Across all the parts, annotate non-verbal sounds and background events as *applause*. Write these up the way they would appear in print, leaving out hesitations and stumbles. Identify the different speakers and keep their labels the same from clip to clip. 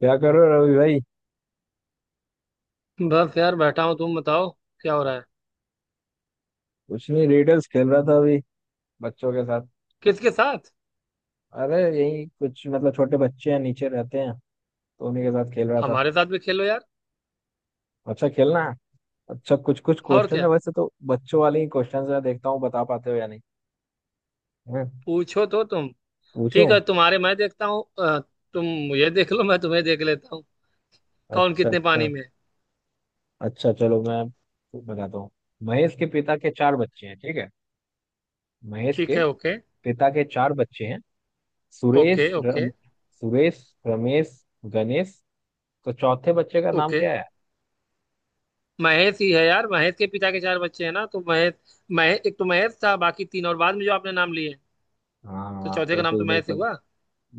Speaker 1: क्या कर रहे हो रवि भाई।
Speaker 2: बस यार बैठा हूँ। तुम बताओ क्या हो रहा है।
Speaker 1: कुछ नहीं, रिडल्स खेल रहा था अभी, बच्चों के साथ।
Speaker 2: किसके साथ?
Speaker 1: अरे यही कुछ मतलब छोटे बच्चे हैं, नीचे रहते हैं, तो उन्हीं के साथ खेल रहा था।
Speaker 2: हमारे साथ भी खेलो यार।
Speaker 1: अच्छा खेलना है। अच्छा कुछ कुछ
Speaker 2: और
Speaker 1: क्वेश्चन है,
Speaker 2: क्या?
Speaker 1: वैसे तो बच्चों वाले ही क्वेश्चन मैं देखता हूँ, बता पाते हो या नहीं। हम्म,
Speaker 2: पूछो तो तुम। ठीक
Speaker 1: पूछूं?
Speaker 2: है, तुम्हारे मैं देखता हूँ। तुम मुझे देख लो, मैं तुम्हें देख लेता हूँ। कौन
Speaker 1: अच्छा
Speaker 2: कितने पानी
Speaker 1: अच्छा।
Speaker 2: में है।
Speaker 1: अच्छा चलो मैं बताता हूँ। महेश के पिता के चार बच्चे हैं, ठीक है। महेश
Speaker 2: ठीक
Speaker 1: के
Speaker 2: है। ओके
Speaker 1: पिता के चार बच्चे हैं, सुरेश
Speaker 2: ओके। ओके
Speaker 1: सुरेश रमेश गणेश। तो चौथे बच्चे का नाम
Speaker 2: ओके।
Speaker 1: क्या है?
Speaker 2: महेश ही है यार। महेश के पिता के चार बच्चे हैं ना, तो महेश महेश एक तो महेश था, बाकी तीन और बाद में जो आपने नाम लिए हैं। तो
Speaker 1: हाँ
Speaker 2: चौथे का नाम
Speaker 1: बिल्कुल
Speaker 2: तो महेश ही
Speaker 1: बिल्कुल।
Speaker 2: हुआ।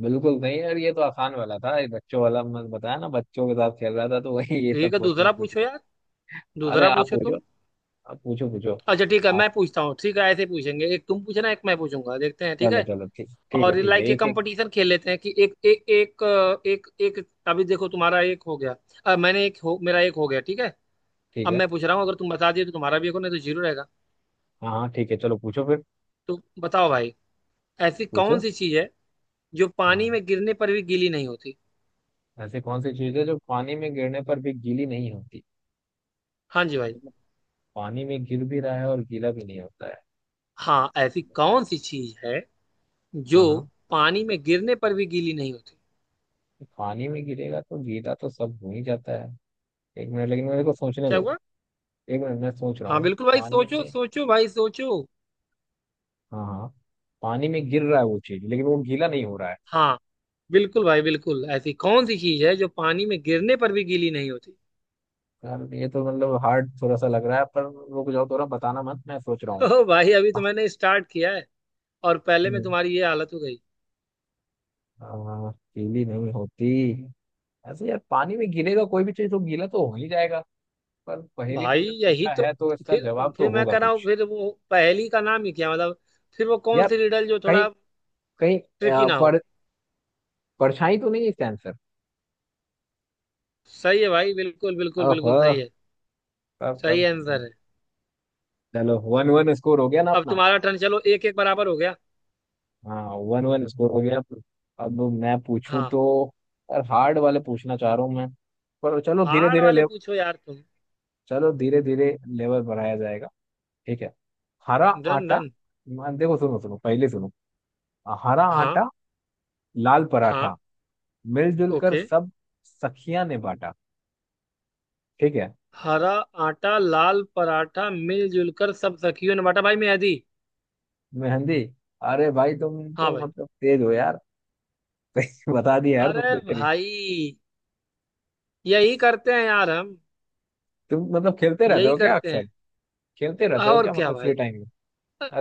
Speaker 1: बिल्कुल नहीं यार, ये तो आसान वाला था। ये बच्चों वाला मैं बताया ना, बच्चों के साथ खेल रहा था तो *laughs* वही ये
Speaker 2: ठीक
Speaker 1: सब
Speaker 2: है,
Speaker 1: क्वेश्चन
Speaker 2: दूसरा
Speaker 1: पूछ
Speaker 2: पूछो
Speaker 1: रहे थे।
Speaker 2: यार।
Speaker 1: अरे
Speaker 2: दूसरा
Speaker 1: आप
Speaker 2: पूछो
Speaker 1: पूछो,
Speaker 2: तुम।
Speaker 1: आप पूछो पूछो।
Speaker 2: अच्छा ठीक है,
Speaker 1: आप
Speaker 2: मैं पूछता हूँ। ठीक है, ऐसे पूछेंगे। एक तुम पूछना, एक मैं पूछूंगा, देखते हैं। ठीक
Speaker 1: चलो
Speaker 2: है,
Speaker 1: चलो, ठीक ठीक है,
Speaker 2: और
Speaker 1: ठीक है
Speaker 2: लाइक ये
Speaker 1: एक एक।
Speaker 2: कंपटीशन खेल लेते हैं कि एक एक एक अ, एक एक अभी देखो तुम्हारा एक हो गया। अब मैंने एक हो मेरा एक हो गया, ठीक है।
Speaker 1: ठीक
Speaker 2: अब
Speaker 1: है।
Speaker 2: मैं पूछ रहा हूँ, अगर तुम बता दिए तो तुम्हारा भी एक हो, नहीं तो जीरो रहेगा।
Speaker 1: हाँ हाँ ठीक है, चलो पूछो फिर।
Speaker 2: तो बताओ भाई, ऐसी कौन
Speaker 1: पूछो।
Speaker 2: सी चीज है जो पानी
Speaker 1: हाँ,
Speaker 2: में गिरने पर भी गीली नहीं होती।
Speaker 1: ऐसी कौन सी चीज है जो पानी में गिरने पर भी गीली नहीं होती।
Speaker 2: हाँ जी
Speaker 1: अच्छा,
Speaker 2: भाई।
Speaker 1: मतलब पानी में गिर भी रहा है और गीला भी नहीं होता है।
Speaker 2: हाँ, ऐसी कौन सी चीज है जो
Speaker 1: हाँ हाँ।
Speaker 2: पानी में गिरने पर भी गीली नहीं होती।
Speaker 1: पानी में गिरेगा तो गीला तो सब हो ही जाता है। एक मिनट, लेकिन मेरे को सोचने
Speaker 2: क्या
Speaker 1: दो।
Speaker 2: हुआ?
Speaker 1: एक मिनट, मैं सोच रहा
Speaker 2: हाँ
Speaker 1: हूँ।
Speaker 2: बिल्कुल भाई,
Speaker 1: पानी
Speaker 2: सोचो
Speaker 1: में,
Speaker 2: सोचो भाई सोचो।
Speaker 1: हाँ हाँ, पानी में गिर रहा है वो चीज लेकिन वो गीला नहीं हो रहा है।
Speaker 2: हाँ बिल्कुल भाई बिल्कुल, ऐसी कौन सी चीज है जो पानी में गिरने पर भी गीली नहीं होती।
Speaker 1: यार ये तो मतलब हार्ड थोड़ा सा लग रहा है पर, रुक जाओ थोड़ा, बताना मत, मैं सोच रहा हूँ।
Speaker 2: ओ भाई, अभी तो मैंने स्टार्ट किया है और पहले में
Speaker 1: हम्म,
Speaker 2: तुम्हारी ये हालत हो गई।
Speaker 1: गीली नहीं होती। ऐसे यार पानी में गिरेगा कोई भी चीज तो गीला तो हो ही जाएगा। पर पहेली
Speaker 2: भाई
Speaker 1: तुमने
Speaker 2: यही
Speaker 1: पूछा
Speaker 2: तो।
Speaker 1: है तो इसका
Speaker 2: फिर
Speaker 1: जवाब तो
Speaker 2: फिर मैं
Speaker 1: होगा
Speaker 2: कह रहा हूँ,
Speaker 1: कुछ।
Speaker 2: फिर वो पहेली का नाम ही क्या मतलब। फिर वो कौन
Speaker 1: यार
Speaker 2: सी रिडल जो
Speaker 1: कहीं,
Speaker 2: थोड़ा
Speaker 1: कहीं
Speaker 2: ट्रिकी
Speaker 1: आ,
Speaker 2: ना हो।
Speaker 1: पर, परछाई तो नहीं है इसका आंसर?
Speaker 2: सही है भाई, बिल्कुल बिल्कुल बिल्कुल सही
Speaker 1: ओह।
Speaker 2: है।
Speaker 1: तब
Speaker 2: सही
Speaker 1: तब
Speaker 2: आंसर है।
Speaker 1: चलो वन वन स्कोर हो गया ना
Speaker 2: अब
Speaker 1: अपना।
Speaker 2: तुम्हारा टर्न, चलो एक एक बराबर हो गया।
Speaker 1: हाँ वन वन स्कोर हो गया। अब मैं पूछूं
Speaker 2: हाँ,
Speaker 1: तो? यार हार्ड वाले पूछना चाह रहा हूँ मैं। पर चलो धीरे
Speaker 2: हार्ड
Speaker 1: धीरे
Speaker 2: वाले
Speaker 1: ले,
Speaker 2: पूछो यार तुम।
Speaker 1: चलो धीरे धीरे लेवल बढ़ाया जाएगा, ठीक है। हरा
Speaker 2: डन
Speaker 1: आटा,
Speaker 2: डन।
Speaker 1: देखो सुनो सुनो पहले सुनो। हरा
Speaker 2: हाँ
Speaker 1: आटा, लाल
Speaker 2: हाँ।
Speaker 1: पराठा, मिलजुल कर
Speaker 2: ओके।
Speaker 1: सब सखियां ने बांटा, ठीक है।
Speaker 2: हरा आटा, लाल पराठा, मिलजुल कर सब सखियों ने बांटा। भाई मैं दी।
Speaker 1: मेहंदी। अरे भाई तुम
Speaker 2: हाँ
Speaker 1: तो
Speaker 2: भाई।
Speaker 1: मतलब तेज हो यार। *laughs* सही बता दिया यार, तुम
Speaker 2: अरे
Speaker 1: तो यार।
Speaker 2: भाई, यही करते हैं यार हम।
Speaker 1: तुम मतलब खेलते रहते
Speaker 2: यही
Speaker 1: हो क्या
Speaker 2: करते
Speaker 1: अक्सर?
Speaker 2: हैं।
Speaker 1: खेलते रहते हो
Speaker 2: और
Speaker 1: क्या
Speaker 2: क्या
Speaker 1: मतलब फ्री
Speaker 2: भाई।
Speaker 1: टाइम में?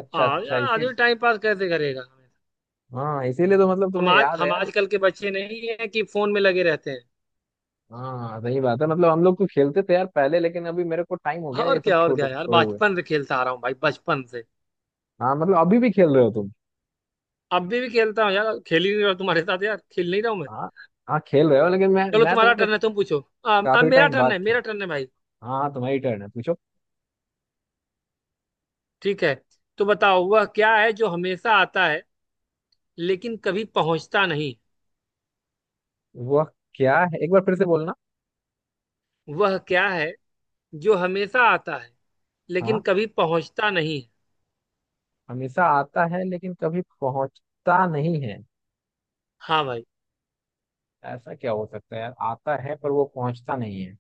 Speaker 1: अच्छा
Speaker 2: हाँ
Speaker 1: अच्छा
Speaker 2: यार,
Speaker 1: इसी।
Speaker 2: आदमी टाइम पास कैसे करेगा।
Speaker 1: हाँ इसीलिए तो मतलब तुम्हें याद है
Speaker 2: हम
Speaker 1: यार।
Speaker 2: आजकल के बच्चे नहीं है कि फोन में लगे रहते हैं।
Speaker 1: हाँ सही बात है, मतलब हम लोग तो खेलते थे यार पहले, लेकिन अभी मेरे को टाइम हो गया
Speaker 2: और
Speaker 1: ये सब
Speaker 2: क्या, और
Speaker 1: छोड़
Speaker 2: क्या यार,
Speaker 1: छोड़े हुए।
Speaker 2: बचपन से खेलता आ रहा हूँ भाई, बचपन से।
Speaker 1: हाँ मतलब अभी भी खेल रहे हो तुम।
Speaker 2: अभी भी खेलता हूँ यार, खेल नहीं रहा हूँ मैं।
Speaker 1: हाँ हाँ खेल रहे हो, लेकिन मैं
Speaker 2: चलो
Speaker 1: मैं तो
Speaker 2: तुम्हारा
Speaker 1: मतलब
Speaker 2: टर्न है, तुम पूछो। अब
Speaker 1: काफी
Speaker 2: मेरा
Speaker 1: टाइम
Speaker 2: टर्न
Speaker 1: बाद
Speaker 2: है, मेरा
Speaker 1: खेल।
Speaker 2: टर्न है भाई।
Speaker 1: हाँ तुम्हारी टर्न है, पूछो।
Speaker 2: ठीक है, तो बताओ वह क्या है जो हमेशा आता है लेकिन कभी पहुंचता नहीं।
Speaker 1: वह क्या है, एक बार फिर से बोलना।
Speaker 2: वह क्या है जो हमेशा आता है लेकिन
Speaker 1: हाँ
Speaker 2: कभी पहुंचता नहीं।
Speaker 1: हमेशा आता है लेकिन कभी पहुंचता नहीं है।
Speaker 2: हाँ भाई।
Speaker 1: ऐसा क्या हो सकता है यार, आता है पर वो पहुंचता नहीं है।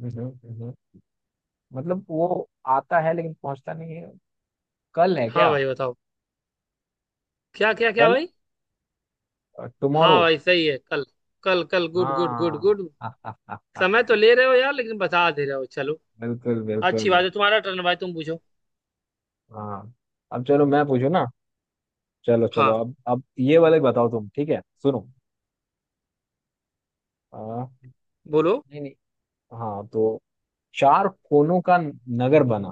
Speaker 1: हम्म, हम्म, हम्म। मतलब वो आता है लेकिन पहुंचता नहीं है। कल है
Speaker 2: हाँ
Speaker 1: क्या?
Speaker 2: भाई बताओ। क्या क्या क्या
Speaker 1: कल,
Speaker 2: भाई? हाँ
Speaker 1: टुमारो।
Speaker 2: भाई, सही है कल। कल कल, गुड गुड गुड
Speaker 1: हाँ।
Speaker 2: गुड।
Speaker 1: *laughs*
Speaker 2: समय तो ले रहे हो यार, लेकिन बता दे रहे हो, चलो।
Speaker 1: बिल्कुल बिल्कुल।
Speaker 2: अच्छी बात है, तुम्हारा टर्न भाई, तुम पूछो।
Speaker 1: हाँ अब चलो मैं पूछू ना। चलो चलो,
Speaker 2: हाँ
Speaker 1: अब ये वाले बताओ तुम, ठीक है सुनो। आ,
Speaker 2: बोलो।
Speaker 1: नहीं नहीं हाँ तो, चार कोनों का नगर बना,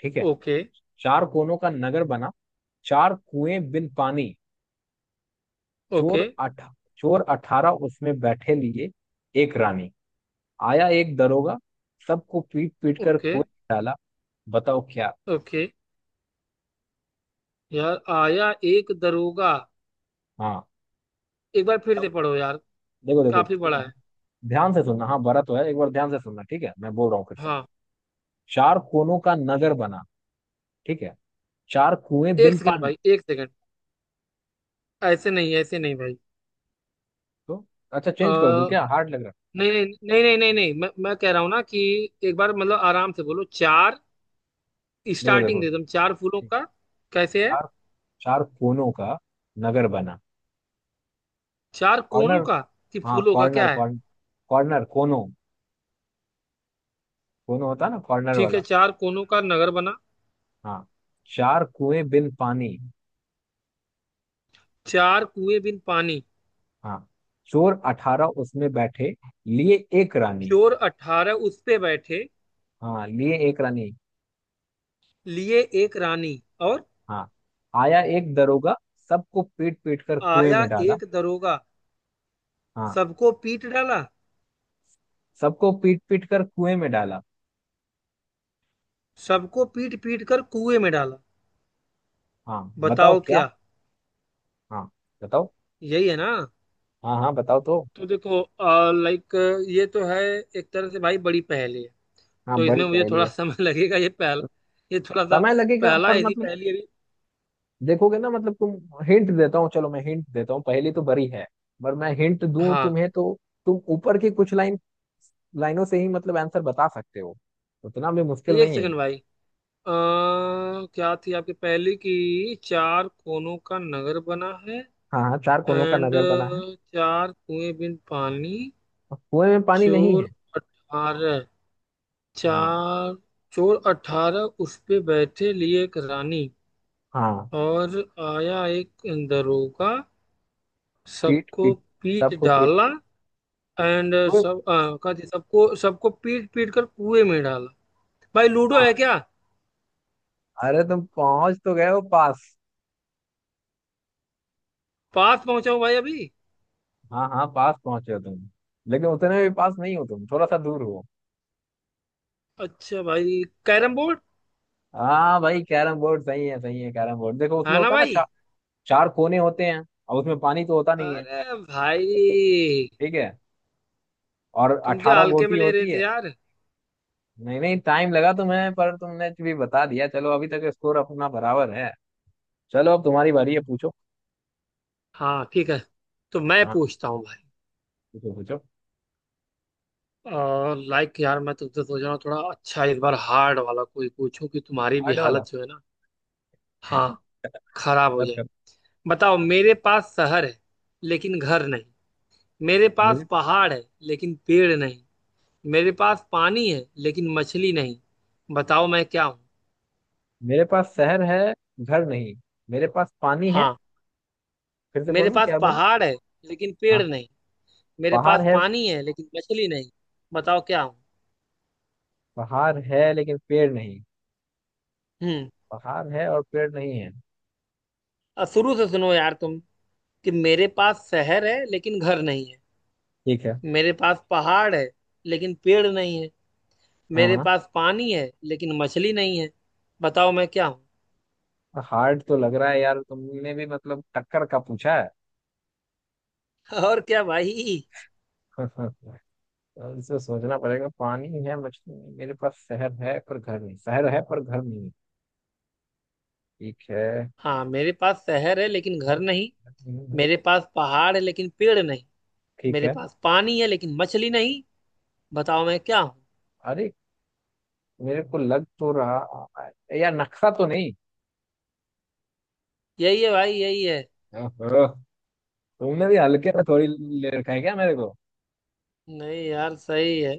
Speaker 1: ठीक है।
Speaker 2: ओके
Speaker 1: चार कोनों का नगर बना, चार कुएं बिन पानी,
Speaker 2: ओके।
Speaker 1: चोर अठ चोर अठारह उसमें बैठे, लिए एक रानी, आया एक दरोगा, सबको पीट पीट कर
Speaker 2: ओके
Speaker 1: कुएं में डाला। बताओ क्या।
Speaker 2: ओके। यार आया एक दरोगा।
Speaker 1: हाँ
Speaker 2: एक बार फिर
Speaker 1: सब,
Speaker 2: से पढ़ो यार,
Speaker 1: देखो देखो
Speaker 2: काफी बड़ा है।
Speaker 1: ध्यान से सुनना। हाँ बड़ा तो है, एक बार ध्यान से सुनना, ठीक है मैं बोल रहा हूँ फिर से।
Speaker 2: हाँ।
Speaker 1: चार कोनों का नगर बना, ठीक है, चार कुएं
Speaker 2: एक
Speaker 1: बिन
Speaker 2: सेकंड
Speaker 1: पानी,
Speaker 2: भाई, एक सेकंड। ऐसे नहीं, ऐसे नहीं भाई।
Speaker 1: तो अच्छा
Speaker 2: आ,
Speaker 1: चेंज कर दूं क्या, हार्ड लग रहा
Speaker 2: नहीं नहीं नहीं नहीं नहीं नहीं, मैं कह रहा हूँ ना कि एक बार मतलब आराम से बोलो। चार,
Speaker 1: है? देखो
Speaker 2: स्टार्टिंग
Speaker 1: देखो।
Speaker 2: दे दो, चार फूलों
Speaker 1: ठीक,
Speaker 2: का कैसे है।
Speaker 1: चार, चार कोनों का नगर बना।
Speaker 2: चार कोनों
Speaker 1: कॉर्नर,
Speaker 2: का? कि
Speaker 1: हाँ
Speaker 2: फूलों का क्या
Speaker 1: कॉर्नर
Speaker 2: है?
Speaker 1: कॉर्नर कोनों, कोनों होता है ना कॉर्नर
Speaker 2: ठीक है,
Speaker 1: वाला।
Speaker 2: चार कोनों का नगर बना,
Speaker 1: हाँ, चार कुएं बिन पानी।
Speaker 2: चार कुएं बिन पानी,
Speaker 1: हाँ, चोर अठारह उसमें बैठे, लिए एक रानी।
Speaker 2: चोर अठारह उस पे बैठे
Speaker 1: हाँ लिए एक रानी।
Speaker 2: लिए एक रानी, और
Speaker 1: हाँ, आया एक दरोगा, सबको पीट पीट कर कुएं
Speaker 2: आया
Speaker 1: में डाला।
Speaker 2: एक दरोगा,
Speaker 1: हाँ,
Speaker 2: सबको पीट डाला।
Speaker 1: सबको पीट पीट कर कुएं में डाला।
Speaker 2: सबको पीट पीट कर कुएं में डाला।
Speaker 1: हाँ बताओ
Speaker 2: बताओ
Speaker 1: क्या।
Speaker 2: क्या,
Speaker 1: हाँ बताओ।
Speaker 2: यही है ना।
Speaker 1: हाँ हाँ बताओ तो।
Speaker 2: तो देखो लाइक, ये तो है एक तरह से भाई, बड़ी पहेली है।
Speaker 1: हाँ
Speaker 2: तो
Speaker 1: बड़ी
Speaker 2: इसमें मुझे
Speaker 1: पहेली
Speaker 2: थोड़ा *laughs*
Speaker 1: है।
Speaker 2: समय लगेगा, ये पहला, ये थोड़ा सा
Speaker 1: समय लगेगा
Speaker 2: पहला
Speaker 1: पर
Speaker 2: ऐसी
Speaker 1: मतलब,
Speaker 2: पहेली अभी।
Speaker 1: देखोगे ना मतलब तुम, हिंट देता हूँ, चलो मैं हिंट देता हूँ। पहेली तो बड़ी है पर मैं हिंट दूं
Speaker 2: हाँ,
Speaker 1: तुम्हें तो तुम ऊपर की कुछ लाइनों से ही मतलब आंसर बता सकते हो, उतना भी मुश्किल
Speaker 2: एक
Speaker 1: नहीं है ये।
Speaker 2: सेकंड भाई। अ, क्या थी आपकी पहली की, चार कोनों का नगर बना है।
Speaker 1: हाँ हाँ चार कोनों का
Speaker 2: एंड
Speaker 1: नगर बना है।
Speaker 2: चार कुएं बिन पानी।
Speaker 1: और कुएं में पानी नहीं
Speaker 2: चोर
Speaker 1: है।
Speaker 2: अठारह
Speaker 1: हाँ।
Speaker 2: चार चोर अठारह उस पे बैठे लिए एक रानी।
Speaker 1: हाँ
Speaker 2: और आया एक दरोगा,
Speaker 1: पीट
Speaker 2: सबको
Speaker 1: पीट,
Speaker 2: पीट
Speaker 1: सबको पीट
Speaker 2: डाला।
Speaker 1: पीट,
Speaker 2: एंड
Speaker 1: कुएं।
Speaker 2: सब क्या थी, सबको सबको पीट पीट कर कुएं में डाला। भाई लूडो है
Speaker 1: हाँ
Speaker 2: क्या?
Speaker 1: अरे तुम पहुंच तो गए हो पास।
Speaker 2: पास पहुंचा हूं भाई अभी।
Speaker 1: हाँ हाँ पास पहुंचे हो तुम, लेकिन उतने भी पास नहीं हो तुम, थोड़ा सा दूर हो।
Speaker 2: अच्छा भाई, कैरम बोर्ड
Speaker 1: हाँ भाई कैरम बोर्ड सही है, सही है कैरम बोर्ड। देखो उसमें
Speaker 2: है ना
Speaker 1: होता है ना
Speaker 2: भाई।
Speaker 1: चार कोने होते हैं और उसमें पानी तो होता नहीं है,
Speaker 2: अरे भाई,
Speaker 1: ठीक है। और
Speaker 2: तुम क्या
Speaker 1: अठारह
Speaker 2: हल्के
Speaker 1: गोटी
Speaker 2: में ले रहे
Speaker 1: होती
Speaker 2: थे
Speaker 1: है।
Speaker 2: यार।
Speaker 1: नहीं नहीं टाइम लगा तुम्हें पर तुमने भी बता दिया, चलो अभी तक स्कोर अपना बराबर है। चलो अब तुम्हारी बारी है पूछो।
Speaker 2: हाँ ठीक है, तो मैं
Speaker 1: हाँ
Speaker 2: पूछता हूँ भाई।
Speaker 1: पूछो पूछो।
Speaker 2: और लाइक यार, मैं तुमसे सोच रहा हूँ थोड़ा अच्छा, इस बार हार्ड वाला कोई पूछूं कि तुम्हारी भी
Speaker 1: कार्ड वाला?
Speaker 2: हालत जो है ना। हाँ, खराब हो
Speaker 1: मदद
Speaker 2: जाए।
Speaker 1: कर।
Speaker 2: बताओ, मेरे पास शहर है लेकिन घर नहीं, मेरे
Speaker 1: मेरे
Speaker 2: पास पहाड़ है लेकिन पेड़ नहीं, मेरे पास पानी है लेकिन मछली नहीं। बताओ मैं क्या हूँ।
Speaker 1: मेरे पास शहर है, घर नहीं। मेरे पास पानी है।
Speaker 2: हाँ,
Speaker 1: फिर से
Speaker 2: मेरे
Speaker 1: बोलूं
Speaker 2: पास
Speaker 1: क्या, बोलूं?
Speaker 2: पहाड़ है लेकिन पेड़
Speaker 1: हाँ
Speaker 2: नहीं, मेरे
Speaker 1: पहाड़
Speaker 2: पास
Speaker 1: है।
Speaker 2: पानी है लेकिन मछली नहीं। बताओ क्या हूँ।
Speaker 1: पहाड़ है लेकिन पेड़ नहीं।
Speaker 2: हम्म।
Speaker 1: पहाड़ है और पेड़ नहीं है।
Speaker 2: अब शुरू से सुनो यार तुम, कि मेरे पास शहर है लेकिन घर नहीं है,
Speaker 1: ठीक है।
Speaker 2: मेरे पास पहाड़ है लेकिन पेड़ नहीं है,
Speaker 1: हाँ
Speaker 2: मेरे
Speaker 1: हाँ।
Speaker 2: पास पानी है लेकिन मछली नहीं है। बताओ मैं क्या हूँ।
Speaker 1: हार्ड तो लग रहा है यार, तुमने भी मतलब टक्कर का पूछा है।
Speaker 2: *laughs* और क्या भाई।
Speaker 1: *laughs* तो इसे सोचना पड़ेगा। पानी है मछली है, मेरे पास शहर है पर घर नहीं, शहर है पर घर नहीं है। ठीक है।
Speaker 2: हाँ, मेरे पास शहर है लेकिन
Speaker 1: है,
Speaker 2: घर नहीं,
Speaker 1: नहीं है।
Speaker 2: मेरे पास पहाड़ है लेकिन पेड़ नहीं,
Speaker 1: ठीक
Speaker 2: मेरे
Speaker 1: है।
Speaker 2: पास पानी है लेकिन मछली नहीं। बताओ मैं क्या हूँ।
Speaker 1: अरे मेरे को लग तो रहा है। यार नक्शा तो नहीं?
Speaker 2: यही है भाई, यही है।
Speaker 1: ओहो, तुमने भी हल्के में थोड़ी ले रखा है क्या मेरे को।
Speaker 2: नहीं यार सही है,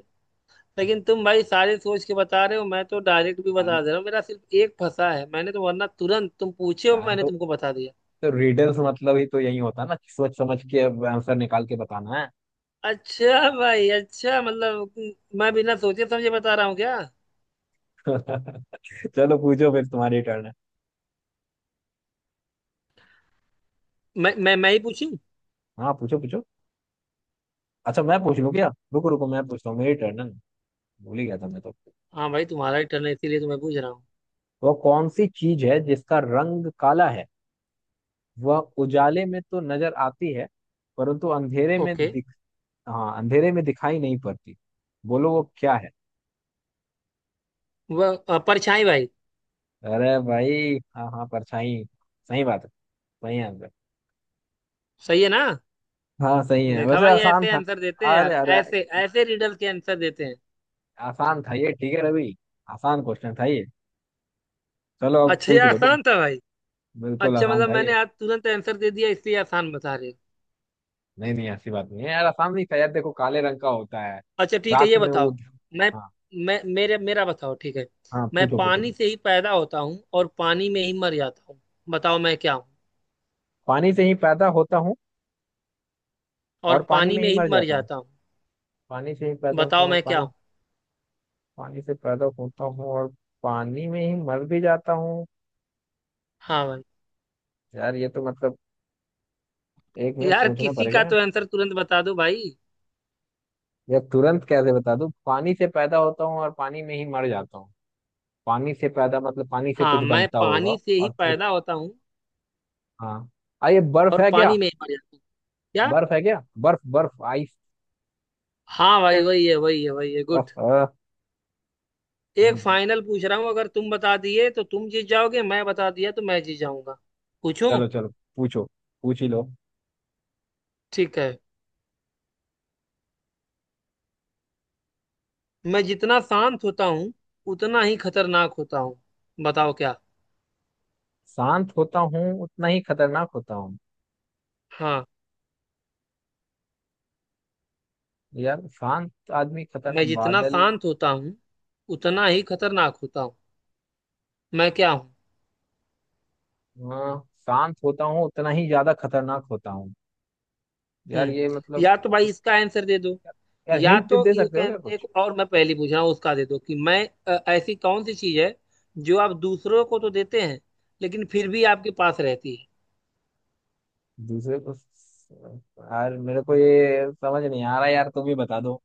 Speaker 2: लेकिन तुम भाई सारे सोच के बता रहे हो, मैं तो डायरेक्ट भी
Speaker 1: यार
Speaker 2: बता दे रहा हूँ। मेरा सिर्फ एक फंसा है मैंने, तो वरना तुरंत तुम पूछे हो
Speaker 1: यार,
Speaker 2: मैंने तुमको बता दिया।
Speaker 1: तो रिडल्स मतलब ही तो यही होता है ना, कि सोच समझ के आंसर निकाल के बताना
Speaker 2: अच्छा भाई, अच्छा मतलब मैं बिना सोचे समझे बता रहा हूँ क्या।
Speaker 1: है। *laughs* चलो पूछो फिर, तुम्हारी टर्न है।
Speaker 2: मैं ही पूछूं?
Speaker 1: हाँ पूछो पूछो। अच्छा मैं पूछ लूँ क्या? रुको रुको मैं पूछता हूँ, मेरी टर्न है ना, भूल ही गया था मैं तो।
Speaker 2: हाँ भाई, तुम्हारा ही टर्न है, इसीलिए तो मैं पूछ रहा हूँ।
Speaker 1: वह कौन सी चीज है जिसका रंग काला है, वह उजाले में तो नजर आती है परंतु अंधेरे में
Speaker 2: ओके।
Speaker 1: दिख, हाँ अंधेरे में दिखाई नहीं पड़ती। बोलो वो क्या है।
Speaker 2: वह परछाई भाई।
Speaker 1: अरे भाई हाँ हाँ परछाई, सही बात है, सही आंसर।
Speaker 2: सही है ना?
Speaker 1: हाँ सही है
Speaker 2: देखा
Speaker 1: वैसे,
Speaker 2: भाई,
Speaker 1: आसान
Speaker 2: ऐसे
Speaker 1: था।
Speaker 2: आंसर देते हैं
Speaker 1: अरे
Speaker 2: यार,
Speaker 1: अरे,
Speaker 2: ऐसे ऐसे रिडल के आंसर देते हैं।
Speaker 1: आसान था ये, ठीक है रवि, आसान क्वेश्चन था ये। चलो अब
Speaker 2: अच्छा ये
Speaker 1: पूछ लो तुम।
Speaker 2: आसान था भाई।
Speaker 1: बिल्कुल
Speaker 2: अच्छा
Speaker 1: आसान
Speaker 2: मतलब
Speaker 1: था
Speaker 2: मैंने
Speaker 1: ये।
Speaker 2: आज तुरंत आंसर दे दिया इसलिए आसान बता रहे हो।
Speaker 1: नहीं नहीं ऐसी बात नहीं है यार, असामी का यार देखो काले रंग का होता है,
Speaker 2: अच्छा ठीक है,
Speaker 1: रात
Speaker 2: ये
Speaker 1: में वो।
Speaker 2: बताओ। मैं
Speaker 1: हाँ।
Speaker 2: मैं मेरे मेरा बताओ, ठीक है।
Speaker 1: हाँ
Speaker 2: मैं
Speaker 1: पूछो पूछो
Speaker 2: पानी से
Speaker 1: पूछो।
Speaker 2: ही पैदा होता हूँ और पानी में ही मर जाता हूँ। बताओ मैं क्या हूँ।
Speaker 1: पानी से ही पैदा होता हूँ
Speaker 2: और
Speaker 1: और पानी
Speaker 2: पानी
Speaker 1: में ही
Speaker 2: में ही
Speaker 1: मर
Speaker 2: मर
Speaker 1: जाता हूँ।
Speaker 2: जाता हूँ।
Speaker 1: पानी से ही पैदा होता
Speaker 2: बताओ
Speaker 1: हूँ और
Speaker 2: मैं क्या
Speaker 1: पानी,
Speaker 2: हूँ।
Speaker 1: पानी से पैदा होता हूँ और पानी में ही मर भी जाता हूँ।
Speaker 2: हाँ भाई।
Speaker 1: यार ये तो मतलब, एक मिनट
Speaker 2: यार
Speaker 1: सोचना
Speaker 2: किसी का
Speaker 1: पड़ेगा।
Speaker 2: तो आंसर तुरंत बता दो भाई।
Speaker 1: यार तुरंत कैसे बता दूँ, पानी से पैदा होता हूँ और पानी में ही मर जाता हूँ, पानी से पैदा मतलब पानी से
Speaker 2: हाँ,
Speaker 1: कुछ
Speaker 2: मैं
Speaker 1: बनता होगा
Speaker 2: पानी से ही
Speaker 1: और फिर,
Speaker 2: पैदा होता हूँ
Speaker 1: हाँ, आ ये बर्फ
Speaker 2: और
Speaker 1: है क्या?
Speaker 2: पानी में ही मर जाता हूँ। क्या?
Speaker 1: बर्फ है क्या, बर्फ बर्फ।
Speaker 2: हाँ भाई, वही है वही है वही है, गुड।
Speaker 1: आइस।
Speaker 2: एक फाइनल पूछ रहा हूँ, अगर तुम बता दिए तो तुम जीत जाओगे, मैं बता दिया तो मैं जीत जाऊंगा। पूछूं?
Speaker 1: चलो चलो, पूछो, पूछ ही लो।
Speaker 2: ठीक है, मैं जितना शांत होता हूँ, उतना ही खतरनाक होता हूँ। बताओ क्या।
Speaker 1: शांत होता हूँ उतना ही खतरनाक होता हूँ।
Speaker 2: हाँ,
Speaker 1: यार शांत आदमी
Speaker 2: मैं
Speaker 1: खतरनाक
Speaker 2: जितना
Speaker 1: बादल।
Speaker 2: शांत होता हूँ उतना ही खतरनाक होता हूँ। मैं क्या हूँ।
Speaker 1: हाँ शांत होता हूँ उतना ही ज्यादा खतरनाक होता हूँ। यार ये
Speaker 2: हम्म।
Speaker 1: मतलब,
Speaker 2: या तो भाई इसका आंसर दे दो,
Speaker 1: यार
Speaker 2: या
Speaker 1: हिंट
Speaker 2: तो
Speaker 1: दे
Speaker 2: एक
Speaker 1: सकते हो क्या
Speaker 2: एक
Speaker 1: कुछ?
Speaker 2: और मैं पहली पूछ रहा हूँ उसका दे दो कि मैं ऐसी कौन सी चीज है जो आप दूसरों को तो देते हैं लेकिन फिर भी आपके पास रहती है।
Speaker 1: दूसरे को, यार मेरे को ये समझ नहीं आ रहा यार, तुम ही बता दो।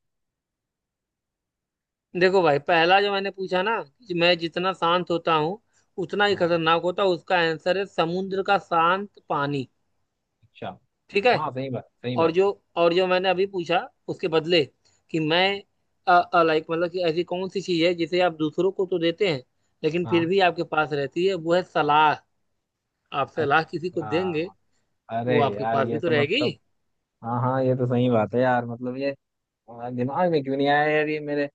Speaker 2: देखो भाई, पहला जो मैंने पूछा ना कि मैं जितना शांत होता हूँ उतना ही
Speaker 1: हाँ
Speaker 2: खतरनाक होता हूँ, उसका आंसर है समुद्र का शांत पानी।
Speaker 1: अच्छा।
Speaker 2: ठीक है?
Speaker 1: हाँ सही बात सही
Speaker 2: और
Speaker 1: बात।
Speaker 2: जो, और जो मैंने अभी पूछा उसके बदले, कि मैं लाइक मतलब कि ऐसी कौन सी चीज है जिसे आप दूसरों को तो देते हैं लेकिन फिर
Speaker 1: हाँ
Speaker 2: भी आपके पास रहती है, वो है सलाह। आप सलाह किसी को देंगे,
Speaker 1: अच्छा, अरे
Speaker 2: वो आपके
Speaker 1: यार
Speaker 2: पास भी
Speaker 1: ये
Speaker 2: तो
Speaker 1: तो
Speaker 2: रहेगी।
Speaker 1: मतलब, हाँ हाँ ये तो सही बात है यार, मतलब ये, हाँ, दिमाग में क्यों नहीं आया यार ये मेरे,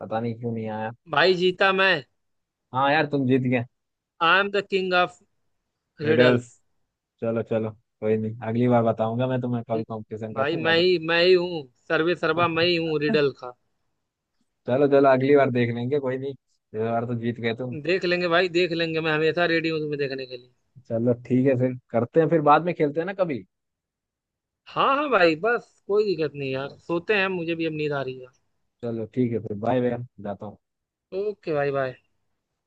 Speaker 1: पता नहीं क्यों नहीं आया।
Speaker 2: भाई जीता मैं।
Speaker 1: हाँ यार तुम जीत गए।
Speaker 2: I am the king of
Speaker 1: riddles.
Speaker 2: Riddles.
Speaker 1: चलो चलो कोई नहीं, अगली बार बताऊंगा मैं तुम्हें, कभी कंपटीशन
Speaker 2: भाई
Speaker 1: करूंगा
Speaker 2: मैं
Speaker 1: तो।
Speaker 2: ही, मैं ही हूँ, सर्वे सर्वा मैं ही हूँ रिडल का।
Speaker 1: चलो चलो अगली बार देख लेंगे, कोई नहीं, इस बार तो जीत गए तुम।
Speaker 2: देख लेंगे भाई, देख लेंगे, मैं हमेशा रेडी हूँ तुम्हें देखने के लिए।
Speaker 1: चलो ठीक है फिर, करते हैं फिर बाद में, खेलते हैं ना कभी।
Speaker 2: हाँ हाँ भाई, बस कोई दिक्कत नहीं यार,
Speaker 1: चलो
Speaker 2: सोते हैं, मुझे भी अब नींद आ रही है।
Speaker 1: चलो ठीक है फिर, बाय बाय, जाता हूँ।
Speaker 2: ओके भाई, बाय।